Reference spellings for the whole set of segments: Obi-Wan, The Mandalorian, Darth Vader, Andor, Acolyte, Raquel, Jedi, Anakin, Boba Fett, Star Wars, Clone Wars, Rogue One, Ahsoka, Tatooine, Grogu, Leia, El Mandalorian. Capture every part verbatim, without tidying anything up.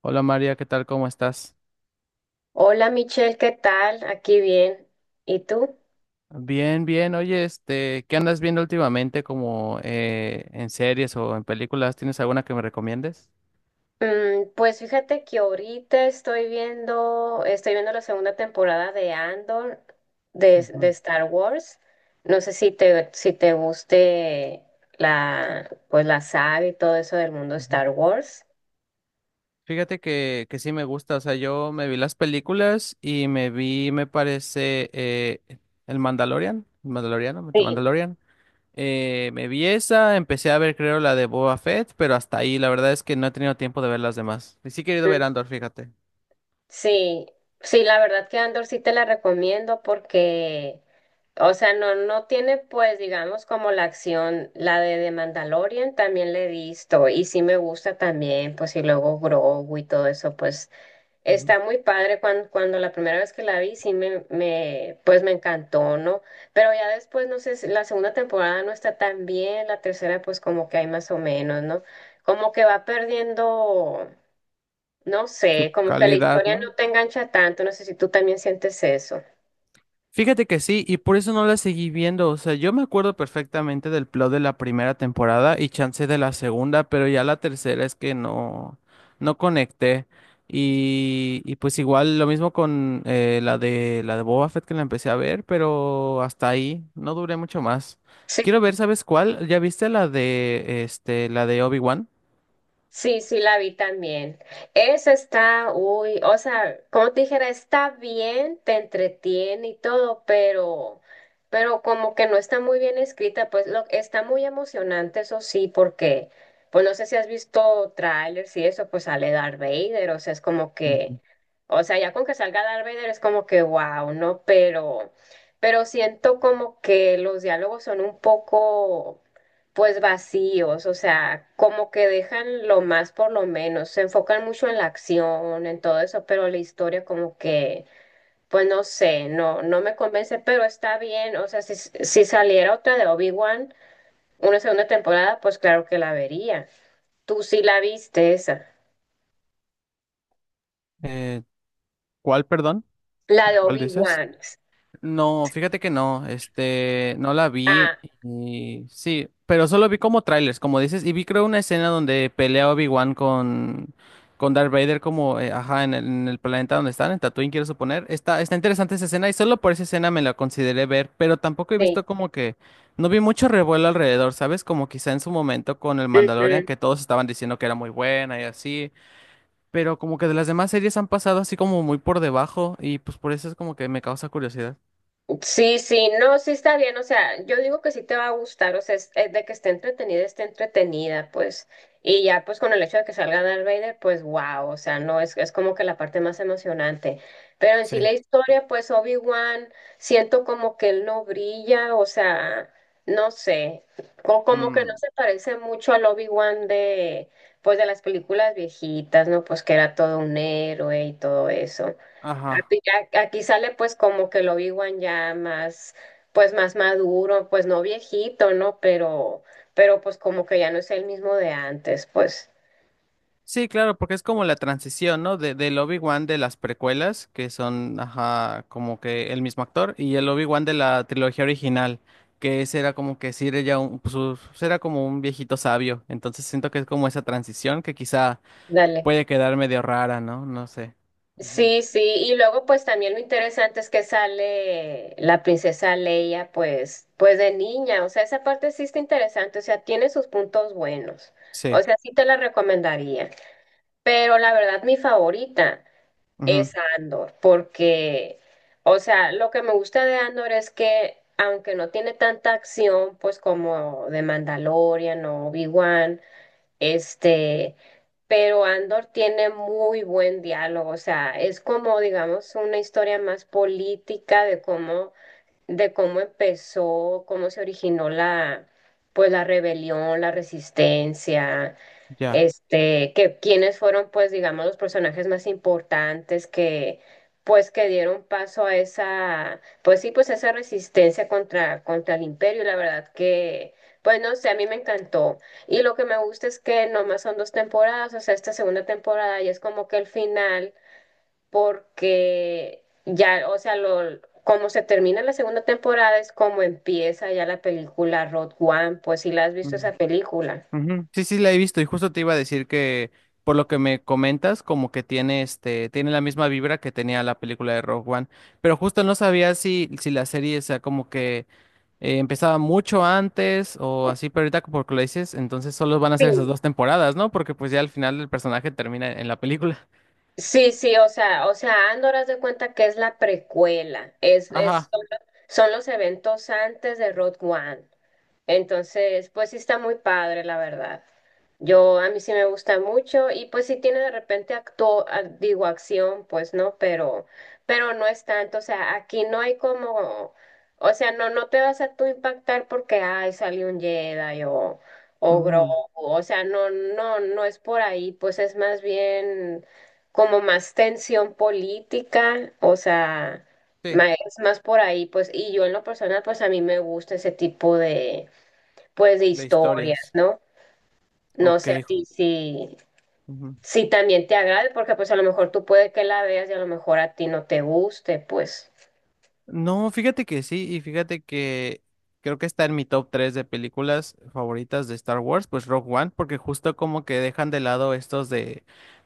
Hola María, ¿qué tal? ¿Cómo estás? Hola Michelle, ¿qué tal? Aquí bien. ¿Y tú? Bien, bien. Oye, este, ¿qué andas viendo últimamente como eh, en series o en películas? ¿Tienes alguna que me recomiendes? Mm, pues fíjate que ahorita estoy viendo, estoy viendo la segunda temporada de Andor de, de Ujú, Star Wars. No sé si te, si te guste la, pues la saga y todo eso del mundo ujú. Star Wars. Fíjate que, que sí me gusta, o sea, yo me vi las películas y me vi, me parece, eh, El Mandalorian, El Mandaloriano, The Sí. Mandalorian. Eh, me vi esa, empecé a ver creo la de Boba Fett, pero hasta ahí, la verdad es que no he tenido tiempo de ver las demás. Y sí he querido ver Mm, Andor, fíjate. Sí, sí, la verdad que Andor sí te la recomiendo porque, o sea, no, no tiene, pues, digamos, como la acción, la de The Mandalorian también le he visto y sí me gusta también, pues, y luego Grogu y todo eso, pues, Ujú. está muy padre cuando, cuando la primera vez que la vi, sí me, me, pues, me encantó, ¿no? Pero ya después, no sé, si la segunda temporada no está tan bien, la tercera, pues, como que hay más o menos, ¿no? Como que va perdiendo, no Su sé, como que la calidad, historia no ¿no? te engancha tanto, no sé si tú también sientes eso. Fíjate que sí, y por eso no la seguí viendo. O sea, yo me acuerdo perfectamente del plot de la primera temporada y chance de la segunda, pero ya la tercera es que no, no conecté. Y, y pues igual lo mismo con eh, la de la de Boba Fett que la empecé a ver, pero hasta ahí, no duré mucho más. Quiero ver, ¿sabes cuál? ¿Ya viste la de este, la de Obi-Wan? Sí, sí, la vi también. Esa está, uy, o sea, como te dijera, está bien, te entretiene y todo, pero, pero como que no está muy bien escrita, pues lo, está muy emocionante, eso sí, porque, pues no sé si has visto trailers y eso, pues sale Darth Vader, o sea, es como que, Ujú. o sea, ya con que salga Darth Vader es como que, wow, ¿no? Pero, pero siento como que los diálogos son un poco pues vacíos, o sea, como que dejan lo más por lo menos, se enfocan mucho en la acción, en todo eso, pero la historia como que, pues no sé, no, no me convence, pero está bien, o sea, si, si saliera otra de Obi-Wan, una segunda temporada, pues claro que la vería. Tú sí la viste esa, Eh, ¿cuál, perdón? la de ¿Cuál dices? Obi-Wan. No, fíjate que no, este, no la vi Ah, y sí, pero solo vi como trailers, como dices, y vi creo una escena donde pelea Obi-Wan con, con Darth Vader como, eh, ajá, en el, en el planeta donde están, en Tatooine quiero suponer. Está, está interesante esa escena y solo por esa escena me la consideré ver, pero tampoco he sí. visto como que, no vi mucho revuelo alrededor, ¿sabes? Como quizá en su momento con el Mandalorian que todos estaban diciendo que era muy buena y así. Pero como que de las demás series han pasado así como muy por debajo y pues por eso es como que me causa curiosidad. Sí, sí, no, sí está bien, o sea, yo digo que sí te va a gustar, o sea, es, es de que esté entretenida, esté entretenida, pues, y ya pues con el hecho de que salga Darth Vader, pues wow, o sea, no, es, es como que la parte más emocionante, pero en sí Sí. la historia, pues Obi-Wan, siento como que él no brilla, o sea, no sé, o como que no Mm, se parece mucho al Obi-Wan de, pues, de las películas viejitas, ¿no? Pues que era todo un héroe y todo eso. ajá. Aquí ya- aquí sale pues como que el Obi-Wan ya más, pues más maduro, pues no viejito, ¿no? Pero, pero pues como que ya no es el mismo de antes, pues. Sí, claro, porque es como la transición, ¿no? De, del Obi-Wan de las precuelas, que son, ajá, como que el mismo actor, y el Obi-Wan de la trilogía original, que ese era como que sí era ya un, pues, u- pues, era como un viejito sabio. Entonces siento que es como esa transición que quizá Dale. puede quedar medio rara, ¿no? No sé. Ujú. Sí, sí, y luego pues también lo interesante es que sale la princesa Leia pues pues de niña, o sea, esa parte sí está interesante, o sea, tiene sus puntos buenos, o Sí. sea, sí te la recomendaría, pero la verdad mi favorita Ujú, es Andor, porque, o sea, lo que me gusta de Andor es que, aunque no tiene tanta acción, pues como de Mandalorian o Obi-Wan, este, pero Andor tiene muy buen diálogo, o sea, es como, digamos, una historia más política de cómo de cómo empezó, cómo se originó la, pues la rebelión, la resistencia, ya. este, que quiénes fueron, pues, digamos, los personajes más importantes que, pues, que dieron paso a esa, pues sí, pues esa resistencia contra, contra el imperio, y la verdad que, pues no sé, a mí me encantó. Y lo que me gusta es que nomás son dos temporadas, o sea, esta segunda temporada ya es como que el final porque ya, o sea, lo, como se termina la segunda temporada es como empieza ya la película Road One, pues si la has visto esa Mm. película. Ujú. Sí, sí, la he visto y justo te iba a decir que por lo que me comentas, como que tiene este, tiene la misma vibra que tenía la película de Rogue One, pero justo no sabía si, si la serie, o sea, como que eh, empezaba mucho antes o así, pero ahorita porque lo dices, entonces solo van a Sí. ser esas dos temporadas, ¿no? Porque pues ya al final el personaje termina en la película. Sí, sí, o sea, o sea, Andor haz de cuenta que es la precuela, es, es, Ajá. son los son los eventos antes de Road One. Entonces, pues sí está muy padre, la verdad. Yo, a mí sí me gusta mucho y pues sí tiene de repente acto, a- digo, acción, pues no, pero, pero no es tanto, o sea, aquí no hay como, o sea, no, no te vas a tú impactar porque, ay, salió un Jedi o, o Grogu, Ujú. o sea, no, no, no es por ahí, pues es más bien como más tensión política, o sea, Sí, ma- es más por ahí, pues, y yo en lo personal, pues a mí me gusta ese tipo de pues de de historias, historias. ¿no? No Ok. sé a ti si, Ujú. si también te agrade, porque pues a lo mejor tú puedes que la veas y a lo mejor a ti no te guste, pues. No, fíjate que sí, y fíjate que creo que está en mi top tres de películas favoritas de Star Wars, pues Rogue One, porque justo como que dejan de lado estos de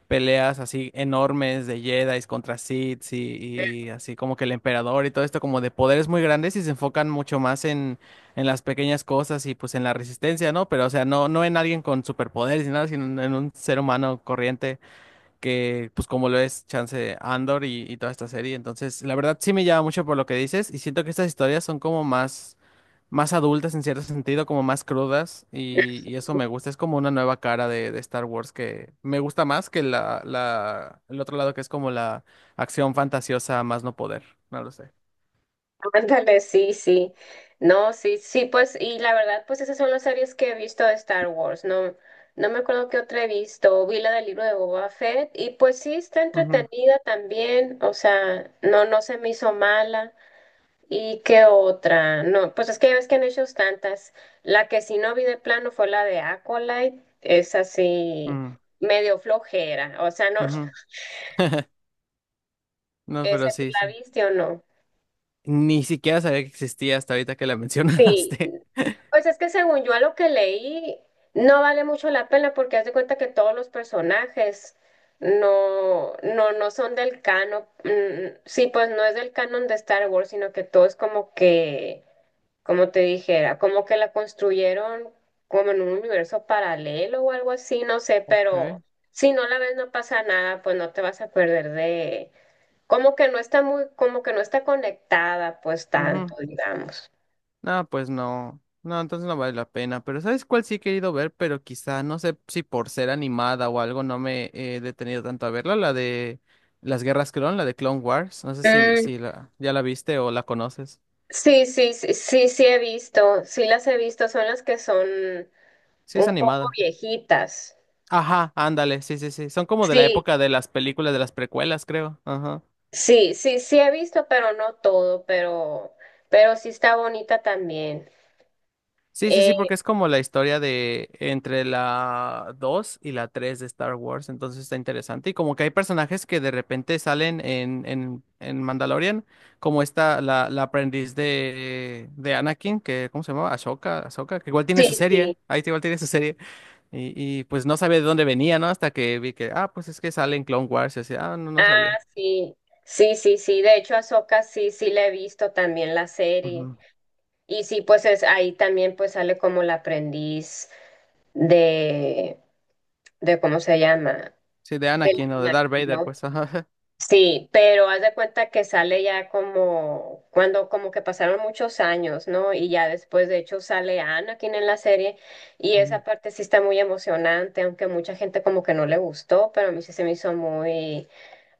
peleas así enormes de Jedi contra Sith y, y así como que el emperador y todo esto como de poderes muy grandes y se enfocan mucho más en, en las pequeñas cosas y pues en la resistencia, ¿no? Pero o sea, no, no en alguien con superpoderes ni nada, sino en en un ser humano corriente que pues como lo es Chance Andor y, y toda esta serie. Entonces, la verdad sí me llama mucho por lo que dices y siento que estas historias son como más, más adultas en cierto sentido, como más crudas y, y eso me gusta. Es como una nueva cara de, de Star Wars que me gusta más que la, la, el otro lado que es como la acción fantasiosa a más no poder. No lo sé. Ándale, sí, sí. No, sí, sí, pues, y la verdad, pues esas son las series que he visto de Star Wars, no, no me acuerdo qué otra he visto, vi la del libro de Boba Fett, y pues sí, está Ujú, entretenida también, o sea, no, no se me hizo mala. ¿Y qué otra? No, pues es que ya ves que han hecho tantas. La que sí no vi de plano fue la de Acolyte. Es así, ujú, medio flojera. O sea, no. ujú. No, ¿Esa pero tú sí, la sí. viste o no? Ni siquiera sabía que existía hasta ahorita que la Sí. mencionaste. Pues es que según yo a lo que leí, no vale mucho la pena porque haz de cuenta que todos los personajes no, no, no son del canon. Mm, sí, pues no es del canon de Star Wars, sino que todo es como que como te dijera, como que la construyeron como en un universo paralelo o algo así, no sé, pero Ok. si no la ves no pasa nada, pues no te vas a perder de, como que no está muy, como que no está conectada, pues Ujú. tanto, digamos. No, pues no. No, entonces no vale la pena. Pero ¿sabes cuál sí he querido ver? Pero quizá, no sé si por ser animada o algo no me he detenido tanto a verla. La de las Guerras Clon, la de Clone Wars. No sé si, Mm, si la, ya la viste o la conoces. sí, sí, sí, sí, sí he visto, sí las he visto, son las que son Sí, es un poco animada. viejitas. Ajá, ándale, sí, sí, sí. Son como de la Sí, época de las películas de las precuelas, creo. Ajá. sí, sí, sí he visto, pero no todo, pero, pero sí está bonita también. Sí, sí, sí, Eh, porque es como la historia de entre la dos y la tres de Star Wars, entonces está interesante. Y como que hay personajes que de repente salen en, en, en Mandalorian, como esta, la, la aprendiz de, de Anakin, que, ¿cómo se llamaba? Ahsoka, Ahsoka, que igual tiene sí, su serie, sí. ahí sí igual tiene su serie. Y, y pues no sabía de dónde venía, ¿no? Hasta que vi que, ah, pues es que sale en Clone Wars, y así, ah, no, Ah, no sabía. sí, sí, sí, sí. De hecho, Ahsoka sí, sí la he visto también la serie. Ujú. Y sí, pues es ahí también pues sale como la aprendiz de, de ¿cómo se llama? Sí, de De la Anakin o de Anakin, Darth Vader, ¿no? pues, ajá. Sí, pero haz de cuenta que sale ya como cuando como que pasaron muchos años, ¿no? Y ya después de hecho sale Anakin en la serie y Ujú. esa parte sí está muy emocionante, aunque mucha gente como que no le gustó, pero a mí sí se me hizo muy,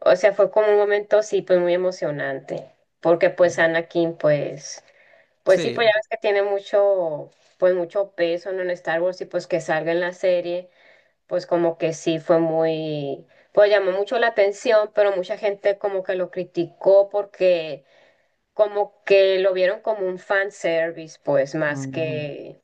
o sea, fue como un momento sí pues muy emocionante, porque pues Anakin pues pues sí pues ya Sí. ves que tiene mucho pues mucho peso, ¿no? En Star Wars y pues que salga en la serie pues como que sí fue muy, pues llamó mucho la atención, pero mucha gente como que lo criticó porque como que lo vieron como un fan service, pues más Ujú. que,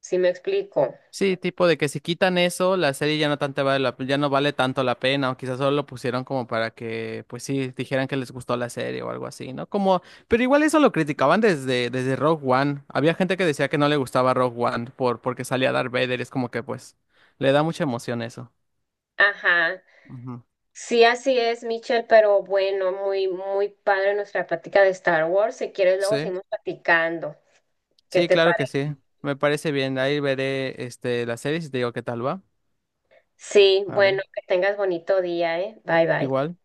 si me explico. Sí, tipo de que si quitan eso, la serie ya no tanto vale la, ya no vale tanto la pena, o quizás solo lo pusieron como para que, pues sí, dijeran que les gustó la serie o algo así, ¿no? Como, pero igual eso lo criticaban desde, desde Rogue One. Había gente que decía que no le gustaba Rogue One por, porque salía Darth Vader, es como que pues le da mucha emoción eso. Ajá, Ujú. sí, así es, Michelle, pero bueno, muy, muy padre nuestra plática de Star Wars. Si quieres, luego Sí, seguimos platicando. ¿Qué sí, te claro que parece? sí. Me parece bien. Ahí veré este la serie y te digo qué tal va. Sí, bueno, Vale. que tengas bonito día, ¿eh? Bye, bye. Igual.